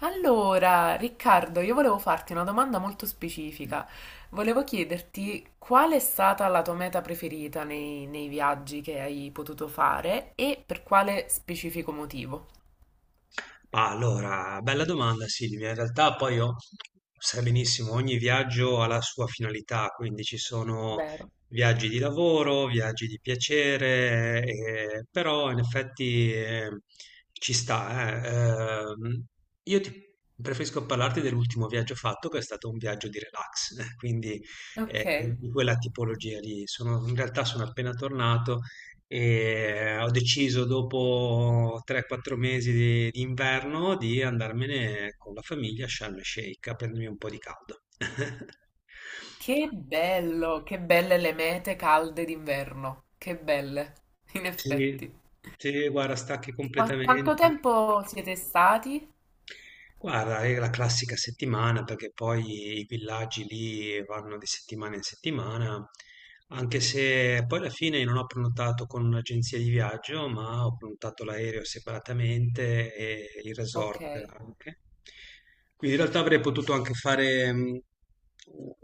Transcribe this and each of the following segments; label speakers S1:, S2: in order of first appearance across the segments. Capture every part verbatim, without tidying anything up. S1: Allora, Riccardo, io volevo farti una domanda molto specifica. Volevo chiederti qual è stata la tua meta preferita nei, nei viaggi che hai potuto fare e per quale specifico motivo.
S2: Ah, Allora, bella domanda Silvia. In realtà poi io, sai benissimo, ogni viaggio ha la sua finalità, quindi ci sono
S1: Vero.
S2: viaggi di lavoro, viaggi di piacere, eh, però in effetti eh, ci sta. eh. Ehm, io ti preferisco parlarti dell'ultimo viaggio fatto, che è stato un viaggio di relax, quindi eh,
S1: Ok.
S2: di quella tipologia lì. Sono- in realtà sono appena tornato e ho deciso dopo tre quattro mesi di, di inverno di andarmene con la famiglia a Sharm el Sheikh a prendermi un po' di caldo.
S1: Che bello, che belle le mete calde d'inverno. Che belle, in
S2: Sì,
S1: effetti.
S2: sì, guarda, stacchi
S1: Qua- quanto
S2: completamente.
S1: tempo siete stati?
S2: Guarda, è la classica settimana perché poi i villaggi lì vanno di settimana in settimana, anche se poi alla fine non ho prenotato con un'agenzia di viaggio, ma ho prenotato l'aereo separatamente e il
S1: Ok.
S2: resort anche. Quindi in realtà avrei potuto anche fare mh,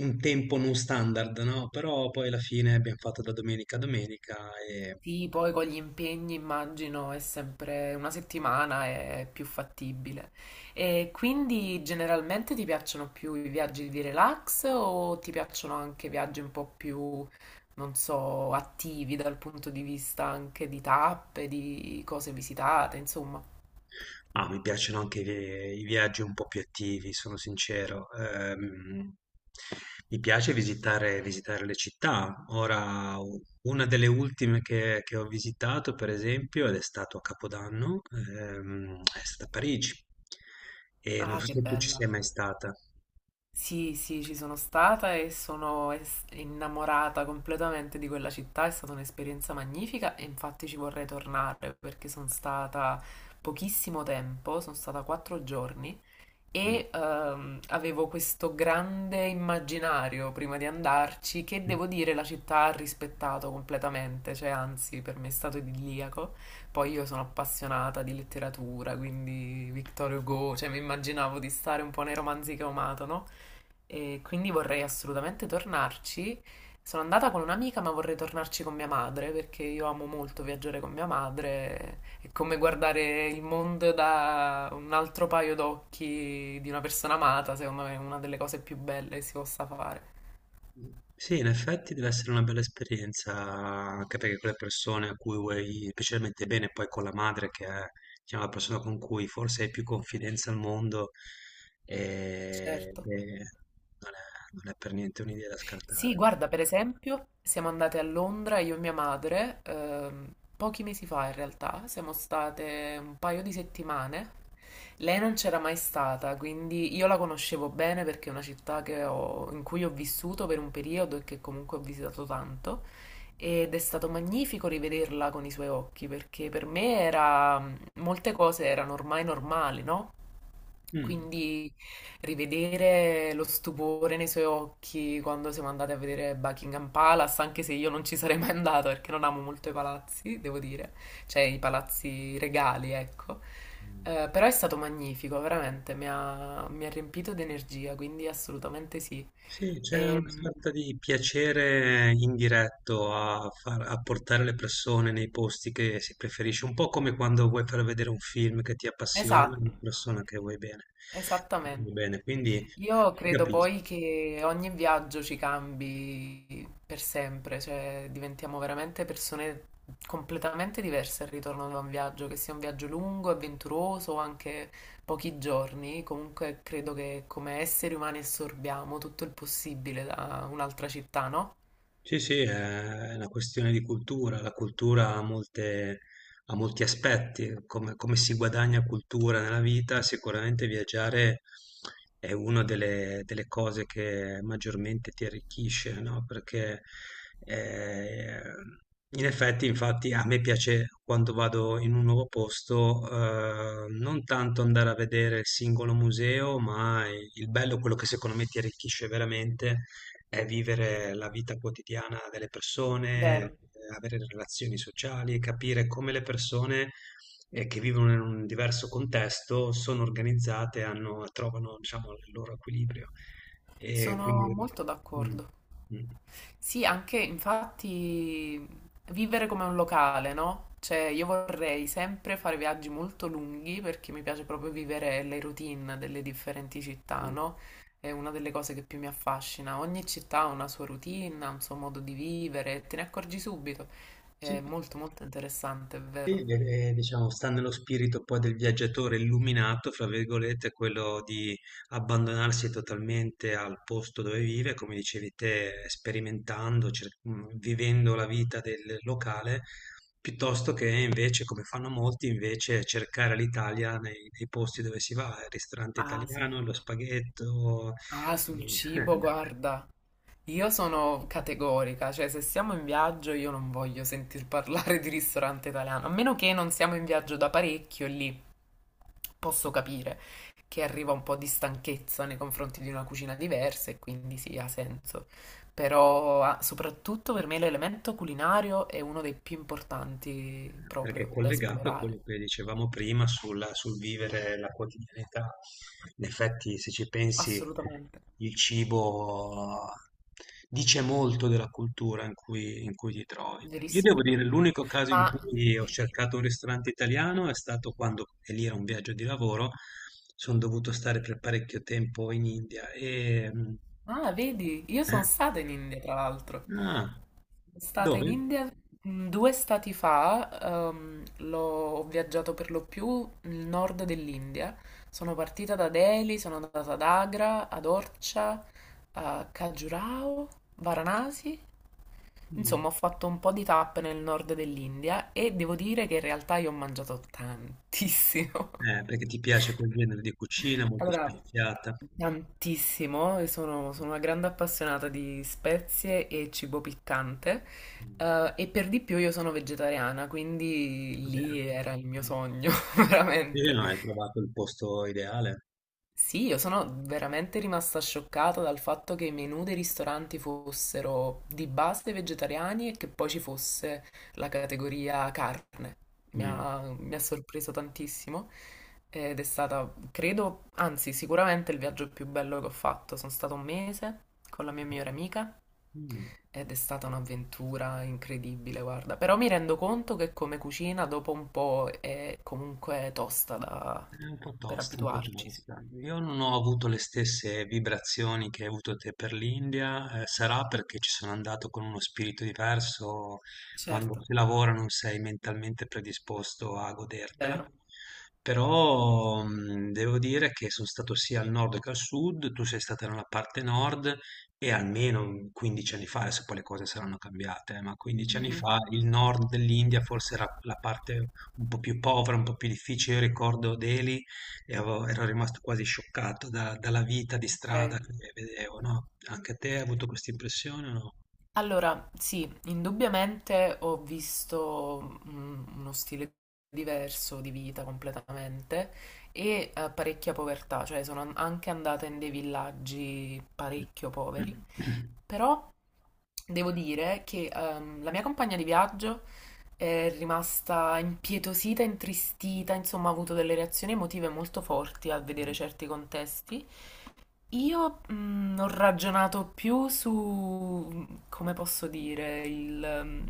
S2: un tempo non standard, no? Però poi alla fine abbiamo fatto da domenica a domenica.
S1: Sì, poi con gli impegni immagino è sempre una settimana è più fattibile. E quindi generalmente ti piacciono più i viaggi di relax o ti piacciono anche viaggi un po' più, non so, attivi dal punto di vista anche di tappe, di cose visitate, insomma.
S2: Ah, mi piacciono anche i vi- i viaggi un po' più attivi, sono sincero. Ehm, mi piace visitare, visitare le città. Ora, u- una delle ultime che, che ho visitato, per esempio, ed è stato a Capodanno, ehm, è stata Parigi. E non
S1: Ah,
S2: so
S1: che
S2: se tu ci
S1: bella.
S2: sei mai stata.
S1: Sì, sì, ci sono stata e sono es- innamorata completamente di quella città, è stata un'esperienza magnifica e infatti ci vorrei tornare perché sono stata pochissimo tempo, sono stata quattro giorni e ehm, avevo questo grande immaginario prima di andarci che
S2: Mm.
S1: devo dire la città ha rispettato completamente, cioè anzi per me è stato idilliaco. Poi io sono appassionata di letteratura, quindi Victor Hugo, cioè mi immaginavo di stare un po' nei romanzi che ho amato, no? E quindi vorrei assolutamente tornarci. Sono andata con un'amica, ma vorrei tornarci con mia madre perché io amo molto viaggiare con mia madre è come guardare il mondo da un altro paio d'occhi di una persona amata, secondo me è una delle cose più belle che si possa fare.
S2: Mh, sì, in effetti deve essere una bella esperienza, anche perché con le persone a cui vuoi specialmente bene, poi con la madre che è, diciamo, la persona con cui forse hai più confidenza al mondo, ehm,
S1: Certo.
S2: beh, non è non è per niente un'idea da
S1: Sì,
S2: scartare.
S1: guarda, per esempio, siamo andate a Londra, io e mia madre, ehm, pochi mesi fa in realtà, siamo state un paio di settimane. Lei non c'era mai stata, quindi io la conoscevo bene perché è una città che ho- in cui ho vissuto per un periodo e che comunque ho visitato tanto. Ed è stato magnifico rivederla con i suoi occhi perché per me era, molte cose erano ormai normali, no?
S2: Mh.
S1: Quindi rivedere lo stupore nei suoi occhi quando siamo andati a vedere Buckingham Palace, anche se io non ci sarei mai andata perché non amo molto i palazzi, devo dire, cioè i palazzi regali, ecco.
S2: Mh.
S1: Eh, però è stato magnifico, veramente, mi ha, mi ha riempito di energia, quindi assolutamente sì.
S2: Sì, c'è una
S1: Ehm,
S2: sorta di piacere indiretto a, far, a portare le persone nei posti che si preferisce, un po' come quando vuoi far vedere un film che ti appassiona, una
S1: esatto,
S2: persona che vuoi bene. Vuoi
S1: esattamente.
S2: bene, quindi
S1: Io
S2: ti
S1: credo
S2: capisco.
S1: poi che ogni viaggio ci cambi per sempre, cioè diventiamo veramente persone completamente diverse al ritorno da un viaggio, che sia un viaggio lungo, avventuroso o anche pochi giorni. Comunque credo che come esseri umani assorbiamo tutto il possibile da un'altra città, no?
S2: Sì, sì, è è una questione di cultura. La cultura ha molte- Ha molti aspetti. Come, come si guadagna cultura nella vita, sicuramente viaggiare è una delle, delle cose che maggiormente ti arricchisce, no? Perché eh, in effetti, infatti, a me piace quando vado in un nuovo posto, eh, non tanto andare a vedere il singolo museo, ma il bello, quello che secondo me ti arricchisce veramente è vivere la vita quotidiana delle persone, ehm,
S1: Vero.
S2: avere relazioni sociali, capire come le persone, ehm, che vivono in un diverso contesto sono organizzate, hanno trovano diciamo il loro equilibrio. E
S1: Sono
S2: quindi
S1: molto
S2: mh,
S1: d'accordo.
S2: mh.
S1: Sì, anche infatti vivere come un locale, no? Cioè, io vorrei sempre fare viaggi molto lunghi perché mi piace proprio vivere le routine delle differenti città,
S2: Mh.
S1: no? È una delle cose che più mi affascina. Ogni città ha una sua routine, ha un suo modo di vivere, te ne accorgi subito.
S2: Sì.
S1: È molto molto interessante, è vero.
S2: Sì, eh, diciamo, sta nello spirito poi del viaggiatore illuminato, fra virgolette, quello di abbandonarsi totalmente al posto dove vive, come dicevi te, sperimentando, cer- mh, vivendo la vita del locale, piuttosto che invece, come fanno molti, invece cercare l'Italia nei, nei posti dove si va, il ristorante
S1: Ah, sì.
S2: italiano, lo spaghetto.
S1: Ah, sul
S2: eh.
S1: cibo, guarda. Io sono categorica, cioè se siamo in viaggio io non voglio sentir parlare di ristorante italiano, a meno che non siamo in viaggio da parecchio, lì posso capire che arriva un po' di stanchezza nei confronti di una cucina diversa e quindi sì, ha senso. Però ah, soprattutto per me l'elemento culinario è uno dei più importanti
S2: Perché è
S1: proprio da
S2: collegato a
S1: esplorare.
S2: quello che dicevamo prima sulla- sul vivere la quotidianità. In effetti, se ci pensi,
S1: Assolutamente,
S2: il cibo dice molto della cultura in cui, in cui ti trovi. Io
S1: verissimo.
S2: devo dire, l'unico caso in
S1: Ma
S2: cui ho
S1: sì.
S2: cercato un ristorante italiano è stato quando, e lì era un viaggio di lavoro, sono dovuto stare per parecchio tempo in India e... mm,
S1: Ah, vedi, io sono
S2: eh,
S1: stata in India, tra l'altro.
S2: Ah,
S1: Sono stata
S2: dove?
S1: in India mm, due stati fa, ehm, l'ho, ho viaggiato per lo più nel nord dell'India. Sono partita da Delhi, sono andata ad Agra, ad Orcha, a Khajuraho, Varanasi.
S2: Mm.
S1: Insomma, ho fatto un po' di tappe nel nord dell'India e devo dire che in realtà io ho mangiato tantissimo.
S2: Eh, perché ti piace quel genere di cucina molto
S1: Allora,
S2: speziata.
S1: tantissimo, e sono,
S2: Mm,
S1: sono una grande appassionata di spezie e cibo piccante,
S2: mm,
S1: eh, e per di più io sono vegetariana, quindi
S2: va
S1: lì
S2: bene.
S1: era il mio sogno,
S2: Sì,
S1: veramente.
S2: no, hai trovato il posto ideale.
S1: Sì, io sono veramente rimasta scioccata dal fatto che i menù dei ristoranti fossero di base vegetariani e che poi ci fosse la categoria carne. Mi
S2: Mm.
S1: ha, mi ha sorpreso tantissimo ed è stata, credo, anzi, sicuramente il viaggio più bello che ho fatto. Sono stato un mese con la mia migliore amica
S2: Mm.
S1: ed è stata un'avventura incredibile, guarda. Però mi rendo conto che come cucina dopo un po' è comunque tosta da-
S2: È un po'
S1: per
S2: tosta, un po'
S1: abituarci. Sì.
S2: tosta. Io non ho avuto le stesse vibrazioni che hai avuto te per l'India, eh, sarà perché ci sono andato con uno spirito diverso, quando
S1: Certo,
S2: si lavora non sei mentalmente predisposto a godertela,
S1: vero.
S2: però mh, devo dire che sono stato sia al nord che al sud, tu sei stata nella parte nord e almeno quindici anni fa, adesso poi le cose saranno cambiate, eh, ma quindici anni
S1: Mhm.
S2: fa il nord dell'India forse era la parte un po' più povera, un po' più difficile. Io ricordo Delhi e avevo ero rimasto quasi scioccato da dalla vita di strada
S1: Ok.
S2: che vedevo, no, anche te hai avuto questa impressione o no?
S1: Allora, sì, indubbiamente ho visto mm, uno stile diverso di vita completamente e eh, parecchia povertà, cioè sono an- anche andata in dei villaggi
S2: Mh.
S1: parecchio poveri, però devo dire che ehm, la mia compagna di viaggio è rimasta impietosita, intristita, insomma ha avuto delle reazioni emotive molto forti al vedere certi contesti. Io mm, ho ragionato più su, come posso dire, il, mm,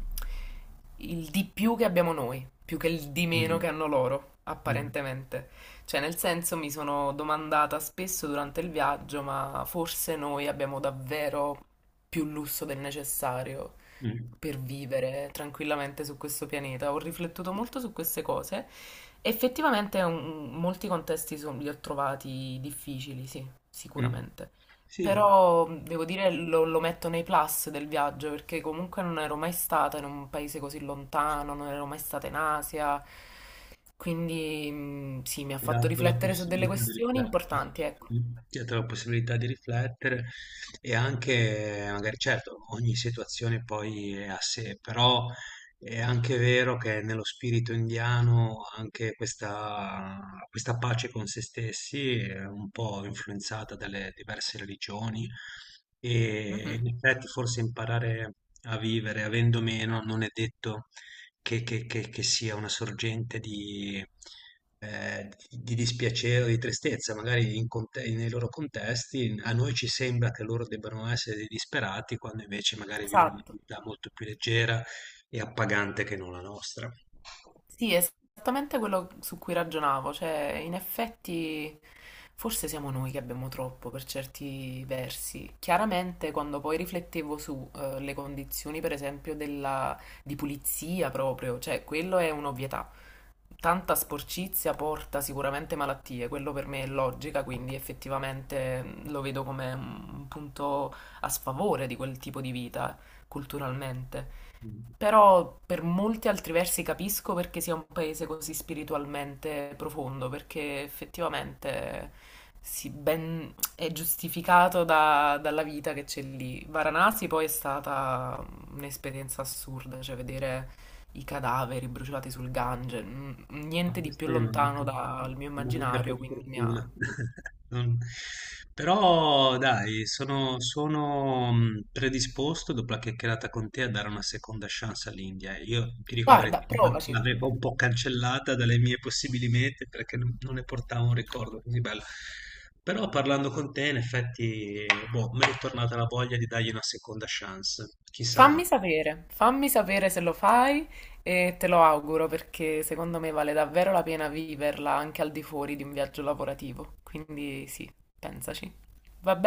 S1: il di più che abbiamo noi, più che il di meno
S2: Mh.
S1: che hanno loro,
S2: Mh.
S1: apparentemente. Cioè, nel senso, mi sono domandata spesso durante il viaggio, ma forse noi abbiamo davvero più lusso del necessario
S2: Mh.
S1: per vivere tranquillamente su questo pianeta. Ho riflettuto molto su queste cose. Effettivamente, un- molti contesti son- li ho trovati difficili, sì
S2: Mh.
S1: sicuramente.
S2: Sì.
S1: Però mm, devo dire lo, lo metto nei plus del viaggio perché comunque non ero mai stata in un paese così lontano, non ero mai stata in Asia, quindi mm, sì, mi ha fatto
S2: Dato la
S1: riflettere su delle
S2: possibilità di
S1: questioni
S2: riflettere.
S1: importanti, ecco.
S2: Mm. Ti ha dato la possibilità di riflettere e anche, eh, magari, certo, ogni situazione poi è a sé, però è anche vero che nello spirito indiano anche questa, questa pace con se stessi è un po' influenzata dalle diverse religioni e
S1: Mhm.
S2: in effetti forse imparare a vivere avendo meno non è detto che che che che sia una sorgente di ehm, di dispiacere o di tristezza, magari in conte nei loro contesti, a noi ci sembra che loro debbano essere dei disperati, quando invece magari vivono una
S1: Esatto.
S2: vita molto più leggera e appagante che non la nostra.
S1: Sì, è esattamente quello su cui ragionavo, cioè in effetti forse siamo noi che abbiamo troppo per certi versi. Chiaramente quando poi riflettevo su eh, le condizioni per esempio della, di pulizia proprio, cioè quello è un'ovvietà. Tanta sporcizia porta sicuramente malattie, quello per me è logica, quindi effettivamente mh, lo vedo come un punto a sfavore di quel tipo di vita culturalmente.
S2: Mh.
S1: Però per molti altri versi capisco perché sia un paese così spiritualmente profondo, perché effettivamente si ben- è giustificato da- dalla vita che c'è lì. Varanasi poi è stata un'esperienza assurda, cioè vedere i cadaveri bruciati sul Gange, n-
S2: No,
S1: niente di più
S2: questa mi
S1: lontano
S2: manca.
S1: dal mio
S2: Mi manca per
S1: immaginario, quindi mi ha...
S2: fortuna. Non- Però dai, sono, sono mh, predisposto dopo la chiacchierata con te a dare una seconda chance all'India. Io ti dico la verità,
S1: Guarda, provaci!
S2: l'avevo un po' cancellata dalle mie possibili mete perché non, non ne portavo un ricordo così bello. Però parlando con te, in effetti, boh, mi è ritornata la voglia di dargli una seconda chance. Chissà mai.
S1: Fammi sapere, fammi sapere se lo fai e te lo auguro perché secondo me vale davvero la pena viverla anche al di fuori di un viaggio lavorativo. Quindi sì, pensaci. Va bene?